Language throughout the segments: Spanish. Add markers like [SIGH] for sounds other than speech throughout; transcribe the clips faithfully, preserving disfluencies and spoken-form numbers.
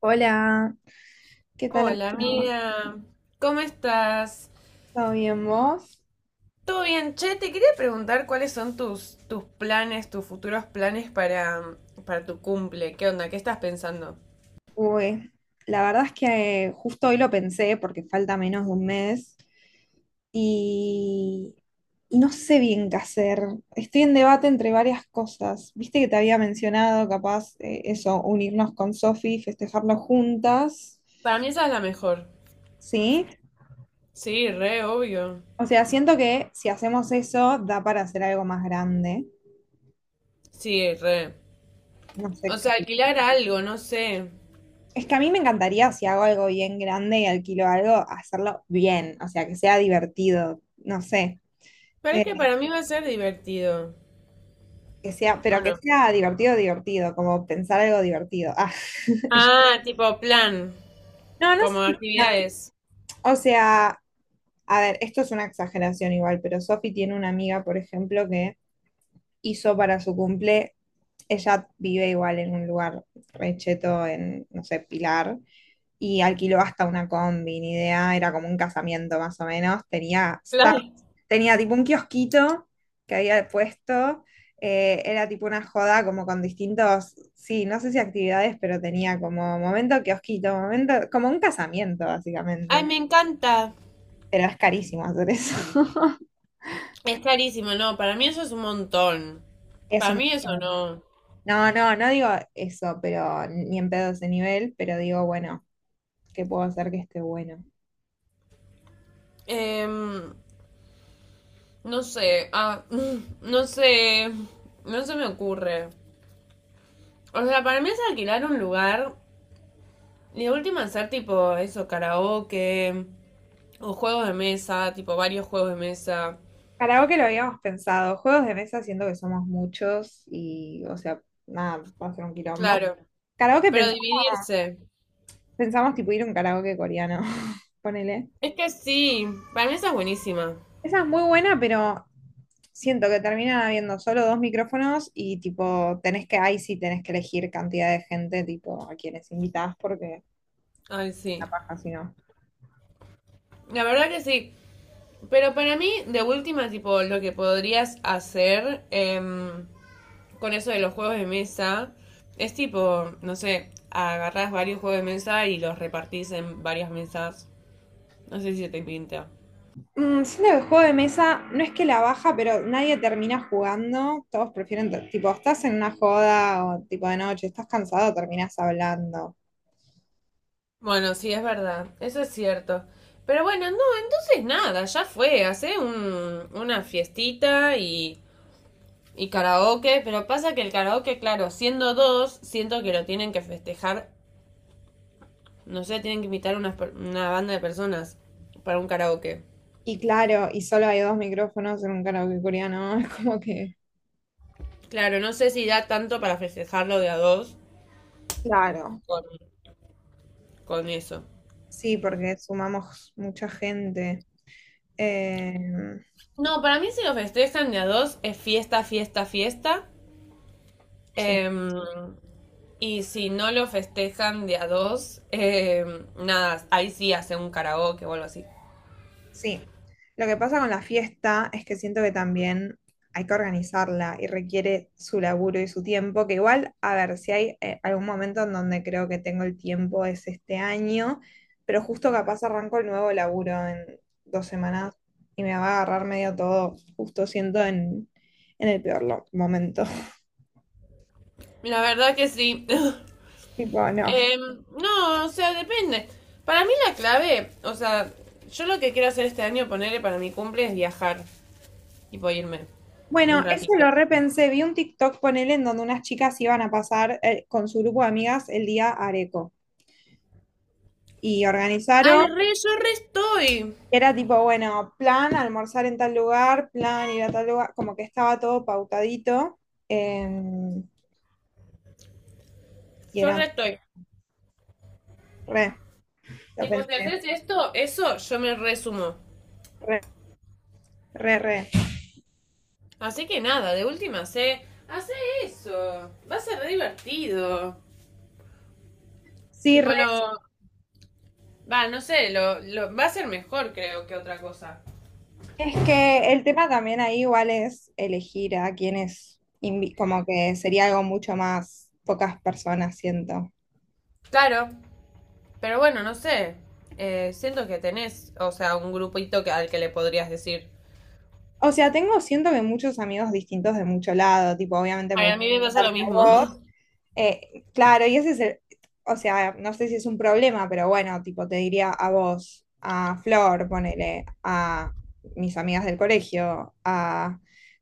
Hola, ¿qué tal? Hola ¿Amigo? amiga, ¿cómo estás? ¿Todo bien vos? ¿Todo bien? Che, te quería preguntar cuáles son tus, tus planes, tus futuros planes para, para tu cumple. ¿Qué onda? ¿Qué estás pensando? Uy, la verdad es que eh, justo hoy lo pensé porque falta menos de un mes y, y no sé bien qué hacer. Estoy en debate entre varias cosas. Viste que te había mencionado, capaz, eh, eso, unirnos con Sofi, festejarlo juntas. Para mí esa es la mejor. ¿Sí? Sí, re, obvio. O sea, siento que si hacemos eso da para hacer algo más grande. Sí, re. No O sé sea, qué. alquilar algo, no sé. Es que a mí me encantaría, si hago algo bien grande y alquilo algo, hacerlo bien, o sea, que sea divertido, no sé, Pero es eh, que para mí va a ser divertido. que sea, ¿O pero que no? sea divertido, divertido, como pensar algo divertido. Ah, [LAUGHS] Ah, tipo plan, no, no sé como si- no, actividades. o sea, a ver, esto es una exageración igual, pero Sofi tiene una amiga, por ejemplo, que hizo para su cumple, ella vive igual en un lugar recheto en, no sé, Pilar, y alquiló hasta una combi, ni idea, era como un casamiento más o menos, tenía sta- Claro. tenía tipo un kiosquito que había puesto, eh, era tipo una joda como con distintos, sí, no sé si actividades, pero tenía como momento kiosquito, momento, como un casamiento Ay, básicamente, me encanta. pero es carísimo hacer eso. [LAUGHS] Es carísimo, no, para mí eso es un montón. Para Eso, mí eso no. no, no, no digo eso, pero ni en pedo ese nivel, pero digo, bueno, ¿qué puedo hacer que esté bueno? Em, no sé, ah, [LAUGHS] mm, no sé, no se me ocurre. O sea, para mí es alquilar un lugar y de última hacer tipo eso, karaoke o juegos de mesa, tipo varios juegos de mesa. Karaoke lo habíamos pensado, juegos de mesa siento que somos muchos y, o sea, nada, va a ser un quilombo. Claro, Karaoke pero pens- dividirse. pensamos tipo ir a un karaoke coreano, [LAUGHS] ponele. Es que sí, para mí esa es buenísima. Esa es muy buena, pero siento que terminan habiendo solo dos micrófonos y tipo, tenés que, ahí sí tenés que elegir cantidad de gente, tipo, a quienes invitás porque Ay, la sí. paja si no. La verdad que sí. Pero para mí, de última, tipo, lo que podrías hacer, em, con eso de los juegos de mesa, es tipo, no sé, agarrás varios juegos de mesa y los repartís en varias mesas. No sé si se te pinta. Mm, siento que el juego de mesa no es que la baja, pero nadie termina jugando. Todos prefieren, t- tipo, estás en una joda o tipo de noche, estás cansado, terminas hablando. Bueno, sí, es verdad, eso es cierto. Pero bueno, no, entonces nada, ya fue, hace un- una fiestita y, y karaoke, pero pasa que el karaoke, claro, siendo dos, siento que lo tienen que festejar, no sé, tienen que invitar unas una banda de personas para un karaoke. Y claro, y solo hay dos micrófonos en un karaoke coreano, [LAUGHS] es como que. Claro, no sé si da tanto para festejarlo de a dos Claro, con, con eso. sí, porque sumamos mucha gente. Eh, No, para mí si lo festejan de a dos es fiesta, fiesta, fiesta. sí. Em, y si no lo festejan de a dos, em, nada, ahí sí hace un karaoke o algo así. Sí, lo que pasa con la fiesta es que siento que también hay que organizarla y requiere su laburo y su tiempo, que igual, a ver, si hay eh, algún momento en donde creo que tengo el tiempo es este año, pero justo capaz arranco el nuevo laburo en dos semanas y me va a agarrar medio todo, justo siento en, en el peor lo- momento. [LAUGHS] La verdad que sí. [LAUGHS] Tipo, no. Em, no, o sea, depende. Para mí la clave, o sea, yo lo que quiero hacer este año, ponerle para mi cumple, es viajar. Tipo, irme un Bueno, eso ratito. lo repensé, vi un TikTok, ponele, en donde unas chicas iban a pasar eh, con su grupo de amigas el día Areco y organizaron. Ay, re, yo re estoy. Era tipo, bueno, plan almorzar en tal lugar, plan ir a tal lugar, como que estaba todo pautadito. eh, y Yo re era estoy. re, lo Tipo, si pensé, haces esto, eso, yo me resumo. re, re. Así que nada, de última sé. Hace eso. Va a ser re divertido. Sí, Tipo re. lo. Va, no sé, lo, lo- va a ser mejor creo que otra cosa. Es que el tema también ahí igual es elegir a quienes, invi- como que sería algo mucho más pocas personas, siento. Claro, pero bueno, no sé. Eh, siento que tenés, o sea, un grupito que, al que le podrías decir. O sea, tengo, siento que muchos amigos distintos de mucho lado, tipo, obviamente me Ay, a gusta mí me pasa estar lo con mismo. vos. [LAUGHS] Eh, claro, y ese es el, o sea, no sé si es un problema, pero bueno, tipo, te diría a vos, a Flor, ponele, a mis amigas del colegio, a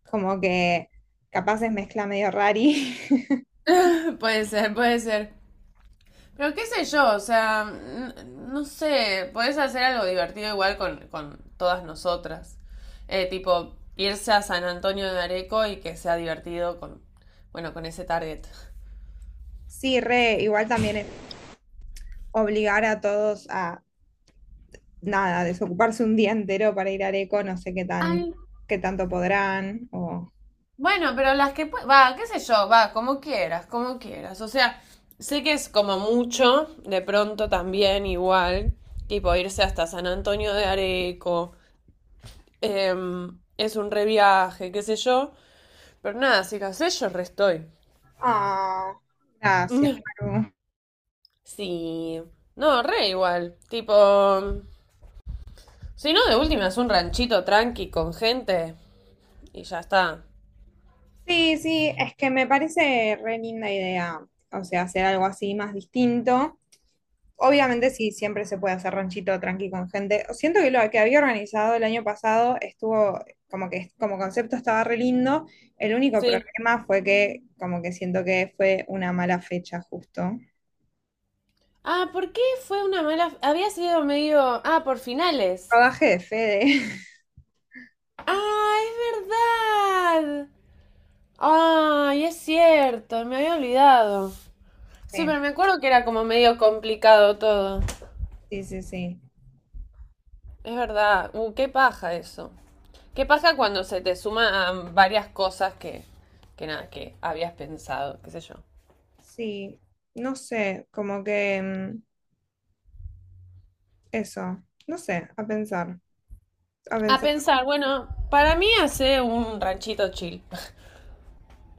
como que capaz es mezcla medio rari. [LAUGHS] Puede ser, puede ser. Pero qué sé yo, o sea, n- no sé, podés hacer algo divertido igual con, con todas nosotras. Eh, tipo, irse a San Antonio de Areco y que sea divertido con, bueno, con ese target. Sí, re, igual también es obligar a todos a nada, desocuparse un día entero para ir al eco no sé qué tan, Ay, qué tanto podrán. O... bueno, pero las que, pue- va, qué sé yo, va, como quieras, como quieras. O sea, sé que es como mucho, de pronto también igual, tipo irse hasta San Antonio de Areco, em, es un reviaje, qué sé yo, pero nada, si qué sé yo, restoy. Ah, gracias. [LAUGHS] Sí. No, re igual. Tipo, si no, de última es un ranchito tranqui con gente y ya está. Sí, sí, es que me parece re linda idea, o sea, hacer algo así más distinto. Obviamente sí, siempre se puede hacer ranchito tranqui con gente. Siento que lo que había organizado el año pasado estuvo, como que como concepto estaba re lindo. El único Sí. problema fue que, como que siento que fue una mala fecha justo. Ah, ¿por qué fue una mala? Había sido medio. Ah, por finales. Rodaje de Fede. [LAUGHS] Ah, es verdad. Ay, es cierto, me había olvidado. Sí, Sí, pero me acuerdo que era como medio complicado todo. sí, sí, sí. Es verdad. Uh, qué paja eso. Qué paja cuando se te suman varias cosas que, que nada, que habías pensado, qué sé yo. Sí, no sé, como que mm, eso, no sé, a pensar, a A pensar. pensar, bueno, para mí hace un ranchito chill.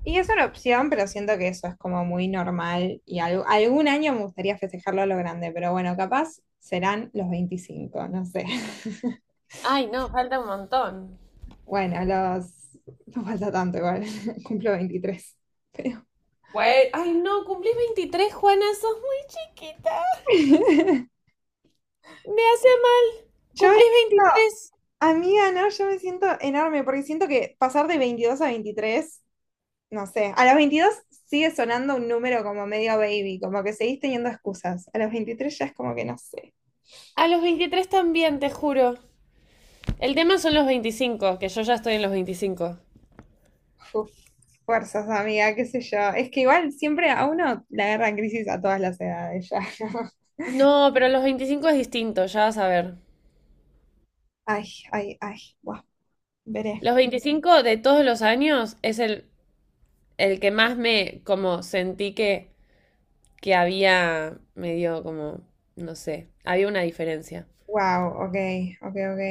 Y es una opción, pero siento que eso es como muy normal y al- algún año me gustaría festejarlo a lo grande, pero bueno, capaz serán los veinticinco no sé. [LAUGHS] Ay, no, falta un montón. Bueno, los... No falta tanto igual, [LAUGHS] cumplo veintitrés. Pero... Güey, ay, no, cumplís veintitrés, Juana, sos muy chiquita. [LAUGHS] Me hace mal. Yo me Cumplís siento, veintitrés. amiga, no, yo me siento enorme porque siento que pasar de veintidós a veintitrés no sé, a los veintidós sigue sonando un número como medio baby, como que seguís teniendo excusas. A los veintitrés ya es como que no sé. A los veintitrés también, te juro. El tema son los veinticinco, que yo ya estoy en los veinticinco. Uf, fuerzas, amiga, qué sé yo. Es que igual siempre a uno la agarran crisis a todas las edades ya. ¿No? [LAUGHS] No, pero los veinticinco es distinto, ya vas a ver. Ay, ay, ay, wow, veré. Los veinticinco de todos los años es el, el que más me como sentí que que había medio como, no sé, había una diferencia. Wow, ok, ok, ok.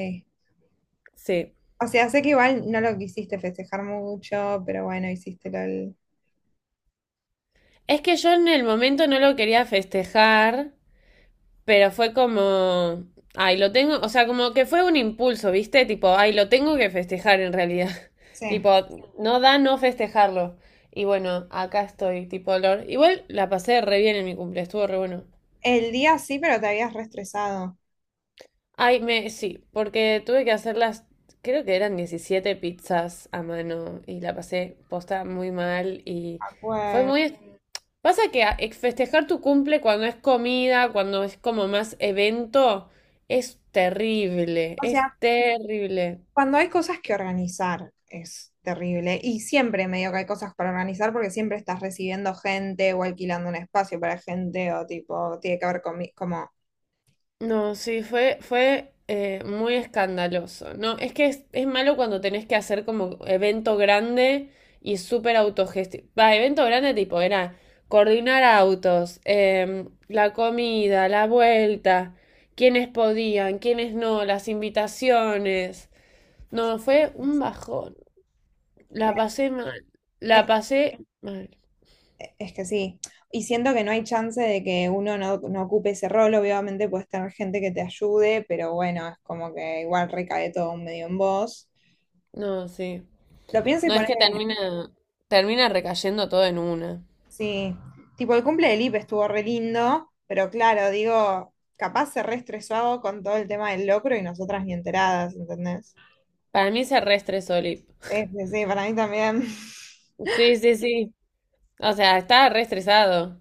Sí. O sea, sé que igual no lo quisiste festejar mucho, pero bueno, hiciste lo del- Es que yo en el momento no lo quería festejar, pero fue como, ay, lo tengo, o sea, como que fue un impulso, ¿viste? Tipo, ay, lo tengo que festejar en realidad. [LAUGHS] Sí. Tipo, no da no festejarlo. Y bueno, acá estoy, tipo, lo- igual la pasé re bien en mi cumple, estuvo re bueno. El día sí, pero te habías reestresado. Ay, me, sí, porque tuve que hacer las, creo que eran diecisiete pizzas a mano y la pasé posta muy mal y De fue acuerdo. muy. Pasa que a- ex- festejar tu cumple cuando es comida, cuando es como más evento, es terrible, O es sea, terrible. cuando hay cosas que organizar es terrible y siempre medio que hay cosas para organizar porque siempre estás recibiendo gente o alquilando un espacio para gente o tipo, tiene que ver con mi- como... No, sí, fue, fue eh, muy escandaloso. No, es que es, es malo cuando tenés que hacer como evento grande y súper autogestivo. Va, evento grande tipo era coordinar autos, em, la comida, la vuelta, quiénes podían, quiénes no, las invitaciones. No, fue un bajón. La re- pasé mal. Es, La pasé mal. es que sí, y siento que no hay chance de que uno no, no ocupe ese rol, obviamente puedes tener gente que te ayude, pero bueno, es como que igual recae todo medio en vos. No, sí. Lo pienso y No, es que termina, termina recayendo todo en una. sí, tipo el cumple de Lip estuvo re lindo, pero claro, digo, capaz se re estresó con todo el tema del locro y nosotras ni enteradas, ¿entendés? Para mí se reestresó. Sí, sí, sí, para mí también. [LAUGHS] Sí, sí, sí. O sea, estaba re estresado.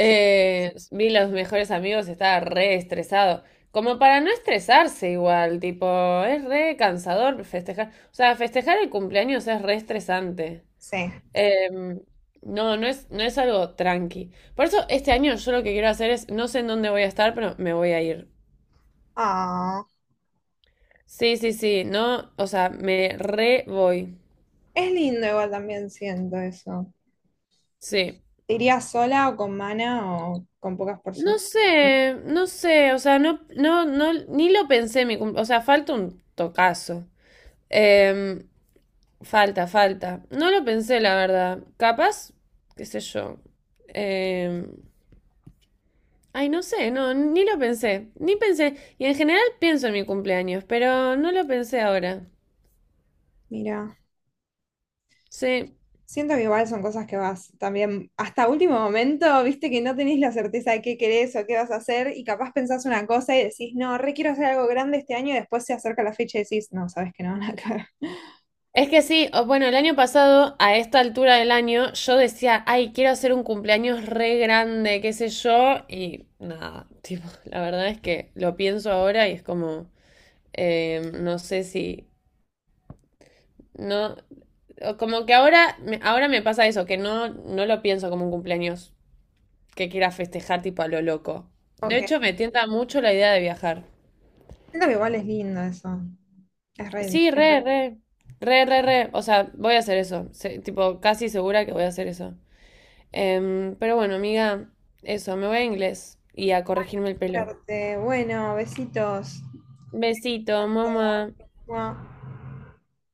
Sí. vi los mejores amigos, estaba re estresado. Como para no estresarse igual, tipo, es re cansador festejar. O sea, festejar el cumpleaños es re estresante. Sí. Em, no, no es, no es algo tranqui. Por eso este año yo lo que quiero hacer es, no sé en dónde voy a estar, pero me voy a ir. Ah, Sí, sí, sí, no, o sea, me re voy. es lindo igual también siento eso. Sí. ¿Te irías sola o con Mana o con pocas No personas? sé, no sé, o sea, no, no, no, ni lo pensé mi cum- o sea, falta un tocazo. Em, falta, falta. No lo pensé, la verdad. Capaz, qué sé yo. Em, ay, no sé, no, ni lo pensé, ni pensé. Y en general pienso en mi cumpleaños, pero no lo pensé ahora. Mira. Sí. Siento que igual son cosas que vas también hasta último momento, viste que no tenés la certeza de qué querés o qué vas a hacer y capaz pensás una cosa y decís, no, re quiero hacer algo grande este año y después se acerca la fecha y decís, no, sabes que no, [LAUGHS] nada que ver". Es que sí, o- bueno, el año pasado, a esta altura del año, yo decía, ay, quiero hacer un cumpleaños re grande, qué sé yo, y nada, tipo, [LAUGHS] la verdad es que lo pienso ahora y es como, eh, no sé si, no, o como que ahora, me- ahora me pasa eso, que no, no lo pienso como un cumpleaños que quiera festejar tipo a lo loco. De Ok, hecho, me tienta mucho la idea de viajar. siento que igual es lindo eso, es re lindo. Sí, re, re, re, re, re, o sea, voy a hacer eso, se- tipo, casi segura que voy a hacer eso. Em, pero bueno, amiga, eso, me voy a inglés y a corregirme el pelo. Suerte. Bueno, besitos. Besito, Hasta mamá. luego. Mua.